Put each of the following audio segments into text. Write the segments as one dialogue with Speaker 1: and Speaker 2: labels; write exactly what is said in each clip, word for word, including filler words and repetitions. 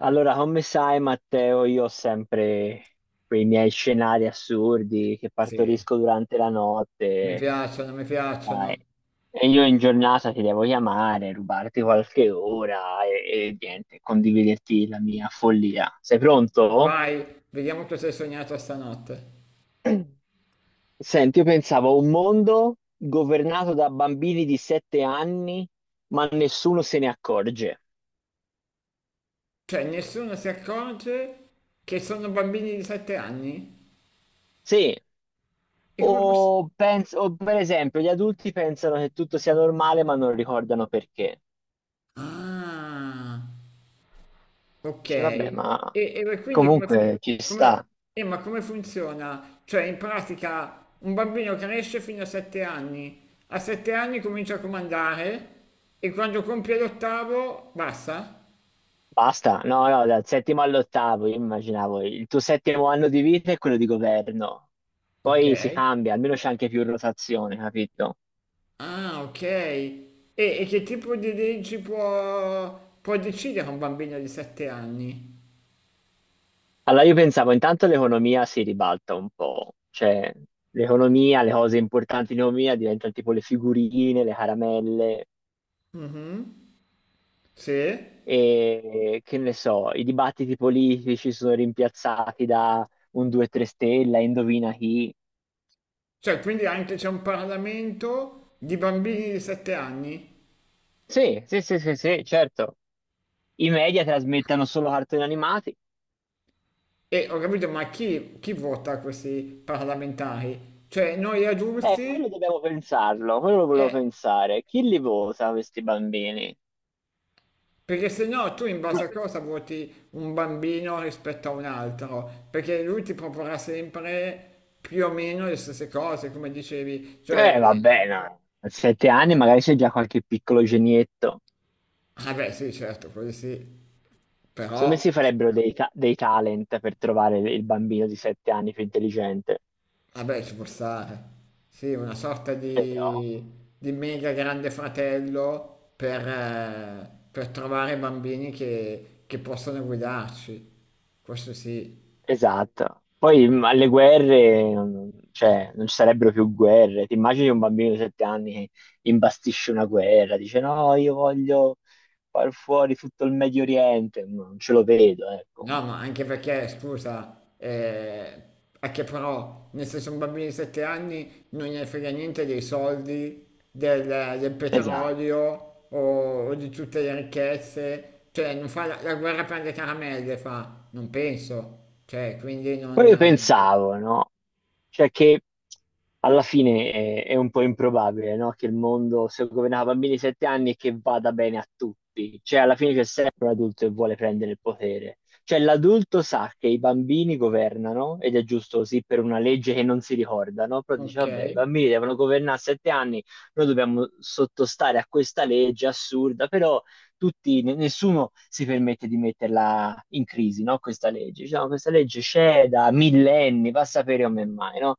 Speaker 1: Allora, come sai, Matteo, io ho sempre quei miei scenari assurdi che
Speaker 2: Sì,
Speaker 1: partorisco durante la
Speaker 2: mi
Speaker 1: notte,
Speaker 2: piacciono, mi
Speaker 1: sai.
Speaker 2: piacciono.
Speaker 1: E io in giornata ti devo chiamare, rubarti qualche ora e, e niente, condividerti la mia follia. Sei pronto?
Speaker 2: Vai, vediamo cosa hai sognato stanotte.
Speaker 1: Senti, io pensavo a un mondo governato da bambini di sette anni, ma nessuno se ne accorge.
Speaker 2: Cioè, nessuno si accorge che sono bambini di sette anni?
Speaker 1: Sì.
Speaker 2: E come posso...
Speaker 1: O, penso, o per esempio, gli adulti pensano che tutto sia normale, ma non ricordano perché.
Speaker 2: Ah, ok.
Speaker 1: Dice, vabbè,
Speaker 2: E,
Speaker 1: ma
Speaker 2: e quindi come, fun-
Speaker 1: comunque ci
Speaker 2: come-
Speaker 1: sta.
Speaker 2: eh, ma come funziona? Cioè, in pratica, un bambino cresce fino a sette anni. A sette anni comincia a comandare e quando compie l'ottavo, basta?
Speaker 1: Basta. No, no, dal settimo all'ottavo, io immaginavo il tuo settimo anno di vita è quello di governo.
Speaker 2: Ok.
Speaker 1: Poi si cambia, almeno c'è anche più rotazione, capito?
Speaker 2: Ah, ok. E, e che tipo di leggi può, può decidere un bambino di sette anni?
Speaker 1: Allora io pensavo, intanto l'economia si ribalta un po', cioè l'economia, le cose importanti in economia diventano tipo le figurine, le caramelle.
Speaker 2: Mhm. Sì?
Speaker 1: E che ne so, i dibattiti politici sono rimpiazzati da un due tre stella, indovina chi.
Speaker 2: Cioè, quindi anche c'è un Parlamento di bambini di sette anni?
Speaker 1: Sì, sì, sì, sì, sì, certo. I media trasmettono solo cartoni animati.
Speaker 2: E ho capito, ma chi, chi vota questi parlamentari? Cioè, noi
Speaker 1: Eh, quello
Speaker 2: adulti?
Speaker 1: dobbiamo pensarlo, quello lo volevo
Speaker 2: Eh,
Speaker 1: pensare. Chi li vota questi bambini?
Speaker 2: perché se no tu in base a cosa voti un bambino rispetto a un altro? Perché lui ti proporrà sempre più o meno le stesse cose, come dicevi.
Speaker 1: Eh,
Speaker 2: Cioè,
Speaker 1: vabbè, no. A sette anni magari c'è già qualche piccolo genietto.
Speaker 2: ah beh, sì, certo, quelli sì.
Speaker 1: Secondo me
Speaker 2: Però,
Speaker 1: si farebbero dei, ta- dei talent per trovare il bambino di sette anni più intelligente.
Speaker 2: vabbè, ci può stare. Sì, una sorta
Speaker 1: Però...
Speaker 2: di, di mega grande fratello per, eh, per trovare bambini che, che possono guidarci. Questo sì.
Speaker 1: Esatto. Poi mh, alle guerre, non- cioè, non ci sarebbero più guerre. Ti immagini un bambino di sette anni che imbastisce una guerra, dice no, io voglio far fuori tutto il Medio Oriente. No, non ce lo vedo, ecco.
Speaker 2: No, ma anche perché, scusa, eh, è che però, nel senso, un bambino di sette anni non gli frega niente dei soldi, del, del
Speaker 1: Esatto.
Speaker 2: petrolio o, o di tutte le ricchezze, cioè non fa la, la guerra per le caramelle, fa, non penso, cioè, quindi non...
Speaker 1: Poi io
Speaker 2: eh,
Speaker 1: pensavo, no? Cioè che alla fine è, è un po' improbabile, no? Che il mondo sia governato da bambini di sette anni e che vada bene a tutti. Cioè alla fine c'è sempre un adulto che vuole prendere il potere. Cioè l'adulto sa che i bambini governano, ed è giusto così per una legge che non si ricorda, no? Però dice,
Speaker 2: ok.
Speaker 1: vabbè, i bambini devono governare a sette anni, noi dobbiamo sottostare a questa legge assurda, però tutti, ne- nessuno si permette di metterla in crisi, no? Questa legge. Diciamo, questa legge c'è da millenni, va a sapere come mai, no?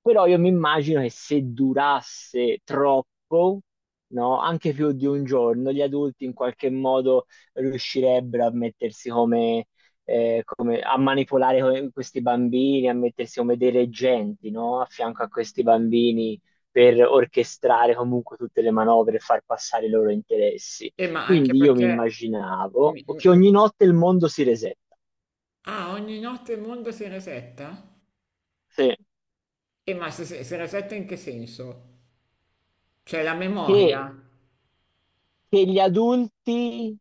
Speaker 1: Però io mi immagino che se durasse troppo, no, anche più di un giorno, gli adulti in qualche modo riuscirebbero a mettersi come, eh, come- a manipolare co- questi bambini, a mettersi come dei reggenti, no, a fianco a questi bambini per orchestrare comunque tutte le manovre e far passare i loro interessi.
Speaker 2: E ma anche
Speaker 1: Quindi io mi
Speaker 2: perché...
Speaker 1: immaginavo
Speaker 2: mi- mi-
Speaker 1: che
Speaker 2: mi-
Speaker 1: ogni notte il mondo si resetta.
Speaker 2: ah, ogni notte il mondo si resetta?
Speaker 1: Sì.
Speaker 2: E ma si, si si resetta in che senso? Cioè la
Speaker 1: Che
Speaker 2: memoria?
Speaker 1: che gli adulti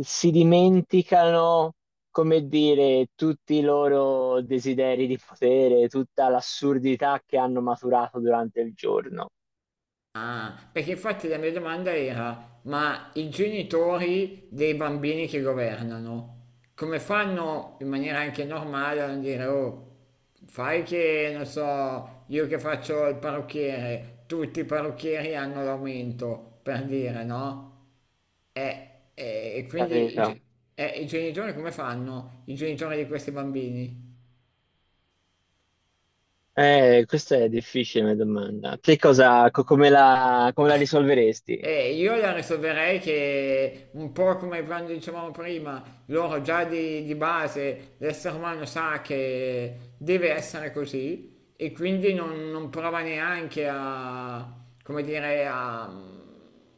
Speaker 1: si dimenticano, come dire, tutti i loro desideri di potere, tutta l'assurdità che hanno maturato durante il giorno,
Speaker 2: Ah, perché infatti la mia domanda era, ma i genitori dei bambini che governano, come fanno in maniera anche normale a non dire, oh, fai che, non so, io che faccio il parrucchiere, tutti i parrucchieri hanno l'aumento, per dire, no? E, e- e quindi i,
Speaker 1: capito?
Speaker 2: ge- e i genitori come fanno? I genitori di questi bambini?
Speaker 1: Eh, questa è difficile una domanda. Che cosa, co- come la, come la risolveresti?
Speaker 2: Eh, io la risolverei che un po' come quando dicevamo prima, loro già di, di base, l'essere umano sa che deve essere così e quindi non, non prova neanche a, come dire, a,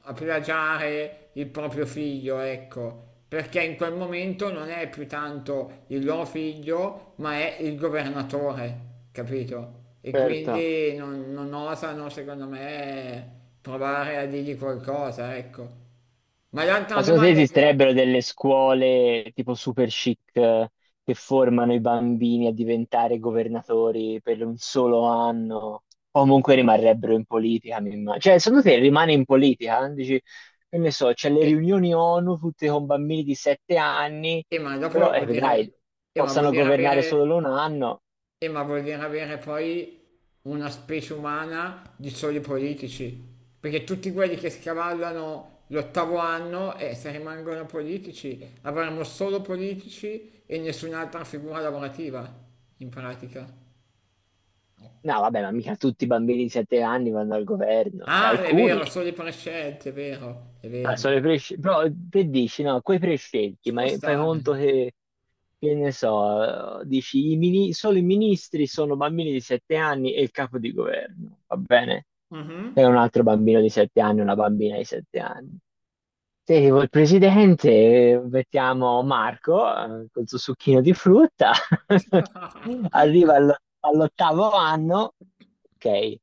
Speaker 2: a plagiare il proprio figlio, ecco perché in quel momento non è più tanto il loro figlio, ma è il governatore, capito? E
Speaker 1: Certo.
Speaker 2: quindi non, non osano, secondo me, provare a dirgli qualcosa, ecco. Ma l'altra
Speaker 1: Ma secondo te
Speaker 2: domanda è che...
Speaker 1: esisterebbero delle scuole tipo super chic eh, che formano i bambini a diventare governatori per un solo anno? O comunque rimarrebbero in politica, mi immagino. Cioè, secondo te rimane in politica? Dici, che ne so, c'è le
Speaker 2: E,
Speaker 1: riunioni ONU tutte con bambini di sette anni,
Speaker 2: e ma
Speaker 1: però,
Speaker 2: dopo
Speaker 1: eh,
Speaker 2: vuol dire...
Speaker 1: vedrai,
Speaker 2: E ma vuol
Speaker 1: possano
Speaker 2: dire
Speaker 1: governare
Speaker 2: avere
Speaker 1: solo un anno.
Speaker 2: Eh, ma vuol dire avere poi una specie umana di soli politici, perché tutti quelli che scavallano l'ottavo anno e eh, se rimangono politici avremo solo politici e nessun'altra figura lavorativa, in pratica.
Speaker 1: No, vabbè, ma mica tutti i bambini di sette anni vanno al governo, cioè
Speaker 2: Ah, è
Speaker 1: alcuni.
Speaker 2: vero, solo i prescelti, è vero, è
Speaker 1: Ah,
Speaker 2: vero.
Speaker 1: sono i presci- Però te dici, no, quei
Speaker 2: Ci
Speaker 1: prescelti, ma
Speaker 2: può
Speaker 1: fai
Speaker 2: stare.
Speaker 1: conto che Che ne so, dici, i mini- solo i ministri sono bambini di sette anni e il capo di governo, va bene? È
Speaker 2: Mhm.
Speaker 1: un altro bambino di sette anni, una bambina di sette anni. Sentivo il presidente, mettiamo Marco eh, col suo succhino di frutta, arriva allo- all'ottavo anno, ok,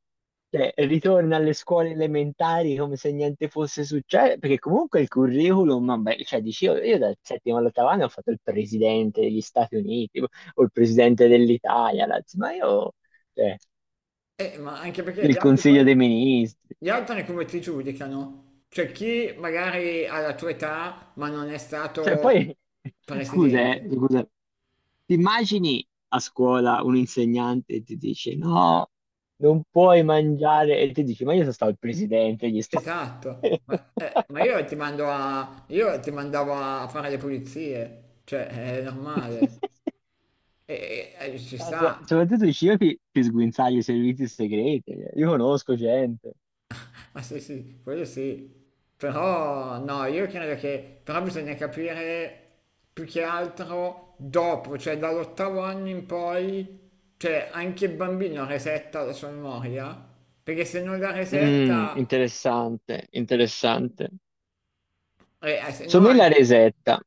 Speaker 1: cioè, ritorna alle scuole elementari come se niente fosse successo, perché comunque il curriculum, vabbè, cioè, dici, io, io dal settimo all'ottavo anno ho fatto il presidente degli Stati Uniti o il presidente dell'Italia, la- ma io, cioè,
Speaker 2: Eh, ma anche perché gli
Speaker 1: del
Speaker 2: altri
Speaker 1: Consiglio
Speaker 2: poi
Speaker 1: dei Ministri.
Speaker 2: Gli altri come ti giudicano? Cioè chi magari ha la tua età ma non è
Speaker 1: Cioè,
Speaker 2: stato
Speaker 1: poi, scusa, eh,
Speaker 2: presidente?
Speaker 1: scusa, ti immagini a scuola un insegnante e ti dice no, non puoi mangiare, e ti dici, ma io sono stato il presidente, gli sta...
Speaker 2: Esatto, ma, eh, ma io ti mando a, io ti mandavo a fare le pulizie, cioè è normale, e, e- e ci
Speaker 1: Ah, so-
Speaker 2: sta.
Speaker 1: soprattutto i ciechi ti sguinzagli i servizi segreti, eh. Io conosco gente.
Speaker 2: Ah, sì, sì, quello sì. Però no, io credo che però bisogna capire più che altro dopo, cioè dall'ottavo anno in poi, cioè anche il bambino resetta la sua memoria, perché se non la
Speaker 1: Mm,
Speaker 2: resetta,
Speaker 1: interessante, interessante.
Speaker 2: eh, eh, se no
Speaker 1: Somiglia a
Speaker 2: anche...
Speaker 1: Resetta.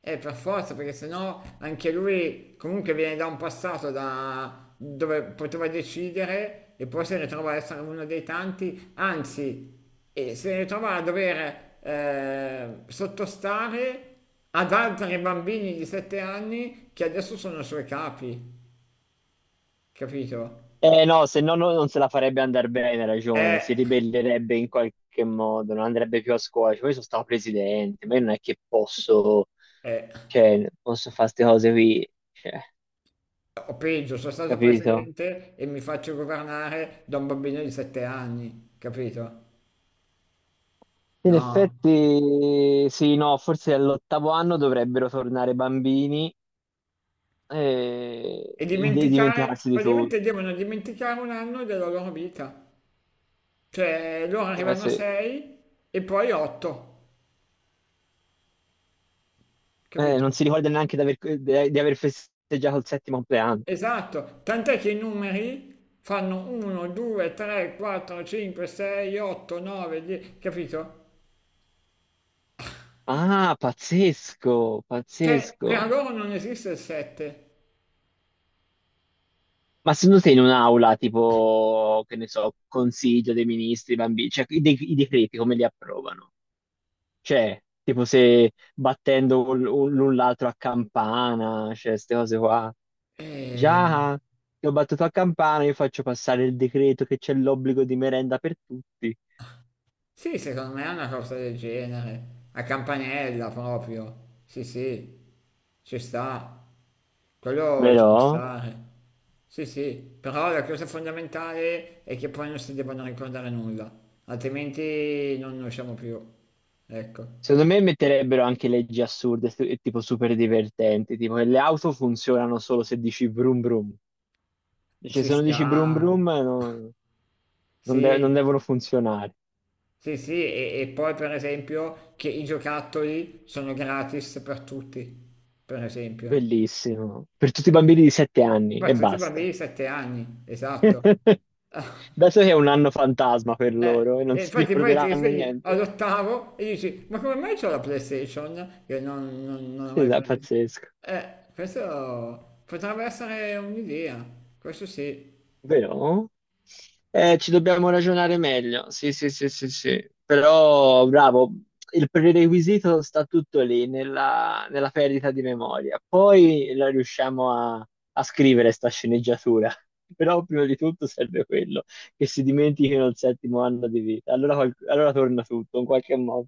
Speaker 2: Eh, per forza, perché sennò anche lui comunque viene da un passato da dove poteva decidere e poi si ritrova a essere uno dei tanti, anzi, e si ritrova a dover eh, sottostare ad altri bambini di sette anni che adesso sono i suoi capi, capito?
Speaker 1: Eh no, se no no- non se la farebbe andare bene, hai ragione,
Speaker 2: Eh,
Speaker 1: si ribellerebbe in qualche modo, non andrebbe più a scuola, cioè, io sono stato presidente, ma io non è che posso,
Speaker 2: eh,
Speaker 1: cioè, posso fare queste cose qui, cioè,
Speaker 2: o peggio, sono stato
Speaker 1: capito?
Speaker 2: presidente e mi faccio governare da un bambino di sette anni, capito?
Speaker 1: In
Speaker 2: No.
Speaker 1: effetti, sì, no, forse all'ottavo anno dovrebbero tornare bambini e,
Speaker 2: E
Speaker 1: e
Speaker 2: dimenticare,
Speaker 1: dimenticarsi di tutto.
Speaker 2: praticamente devono dimenticare un anno della loro vita. Cioè, loro
Speaker 1: Eh,
Speaker 2: arrivano a
Speaker 1: sì.
Speaker 2: sei e poi otto,
Speaker 1: Eh,
Speaker 2: capito?
Speaker 1: non si ricorda neanche di aver, di- di aver festeggiato il settimo compleanno.
Speaker 2: Esatto, tant'è che i numeri fanno uno, due, tre, quattro, cinque, sei, otto, nove, dieci, capito?
Speaker 1: Ah, pazzesco,
Speaker 2: Cioè, per
Speaker 1: pazzesco.
Speaker 2: loro non esiste il sette.
Speaker 1: Ma secondo te in un'aula, tipo, che ne so, consiglio dei ministri, bambini, cioè i, de- i decreti come li approvano? Cioè, tipo se battendo un- un- l'un l'altro a campana, cioè queste cose qua.
Speaker 2: Eh,
Speaker 1: Già, ti ho battuto a campana, io faccio passare il decreto che c'è l'obbligo di merenda per tutti.
Speaker 2: sì, secondo me è una cosa del genere, a campanella proprio. Sì, sì, ci sta. Quello ci può
Speaker 1: Però,
Speaker 2: stare. Sì, sì, però la cosa fondamentale è che poi non si debbano ricordare nulla, altrimenti non ne usciamo più. Ecco,
Speaker 1: secondo me metterebbero anche leggi assurde stu- e tipo super divertenti, tipo che le auto funzionano solo se dici brum brum. Cioè,
Speaker 2: ci
Speaker 1: se non dici brum
Speaker 2: sta.
Speaker 1: brum, no- non, de- non
Speaker 2: Sì,
Speaker 1: devono funzionare.
Speaker 2: sì, sì, e, e poi per esempio che i giocattoli sono gratis per tutti, per esempio.
Speaker 1: Bellissimo. Per tutti i bambini di 7 anni
Speaker 2: Per
Speaker 1: e
Speaker 2: tutti i
Speaker 1: basta.
Speaker 2: bambini di sette anni, esatto.
Speaker 1: Dato che è un anno fantasma per
Speaker 2: Eh,
Speaker 1: loro e non
Speaker 2: e
Speaker 1: si
Speaker 2: infatti poi ti
Speaker 1: ricorderanno
Speaker 2: svegli
Speaker 1: niente.
Speaker 2: all'ottavo e dici, ma come mai c'ho la PlayStation? Che non, non, non ho mai
Speaker 1: Esatto,
Speaker 2: preso.
Speaker 1: pazzesco.
Speaker 2: Eh, questo potrebbe essere un'idea, questo sì.
Speaker 1: Però, Eh, ci dobbiamo ragionare meglio. Sì, sì, sì, sì, sì. Però, bravo, il prerequisito sta tutto lì, nella, nella perdita di memoria. Poi la riusciamo a, a scrivere sta sceneggiatura. Però prima di tutto serve quello, che si dimentichino il settimo anno di vita. Allora, qual- allora torna tutto in qualche modo.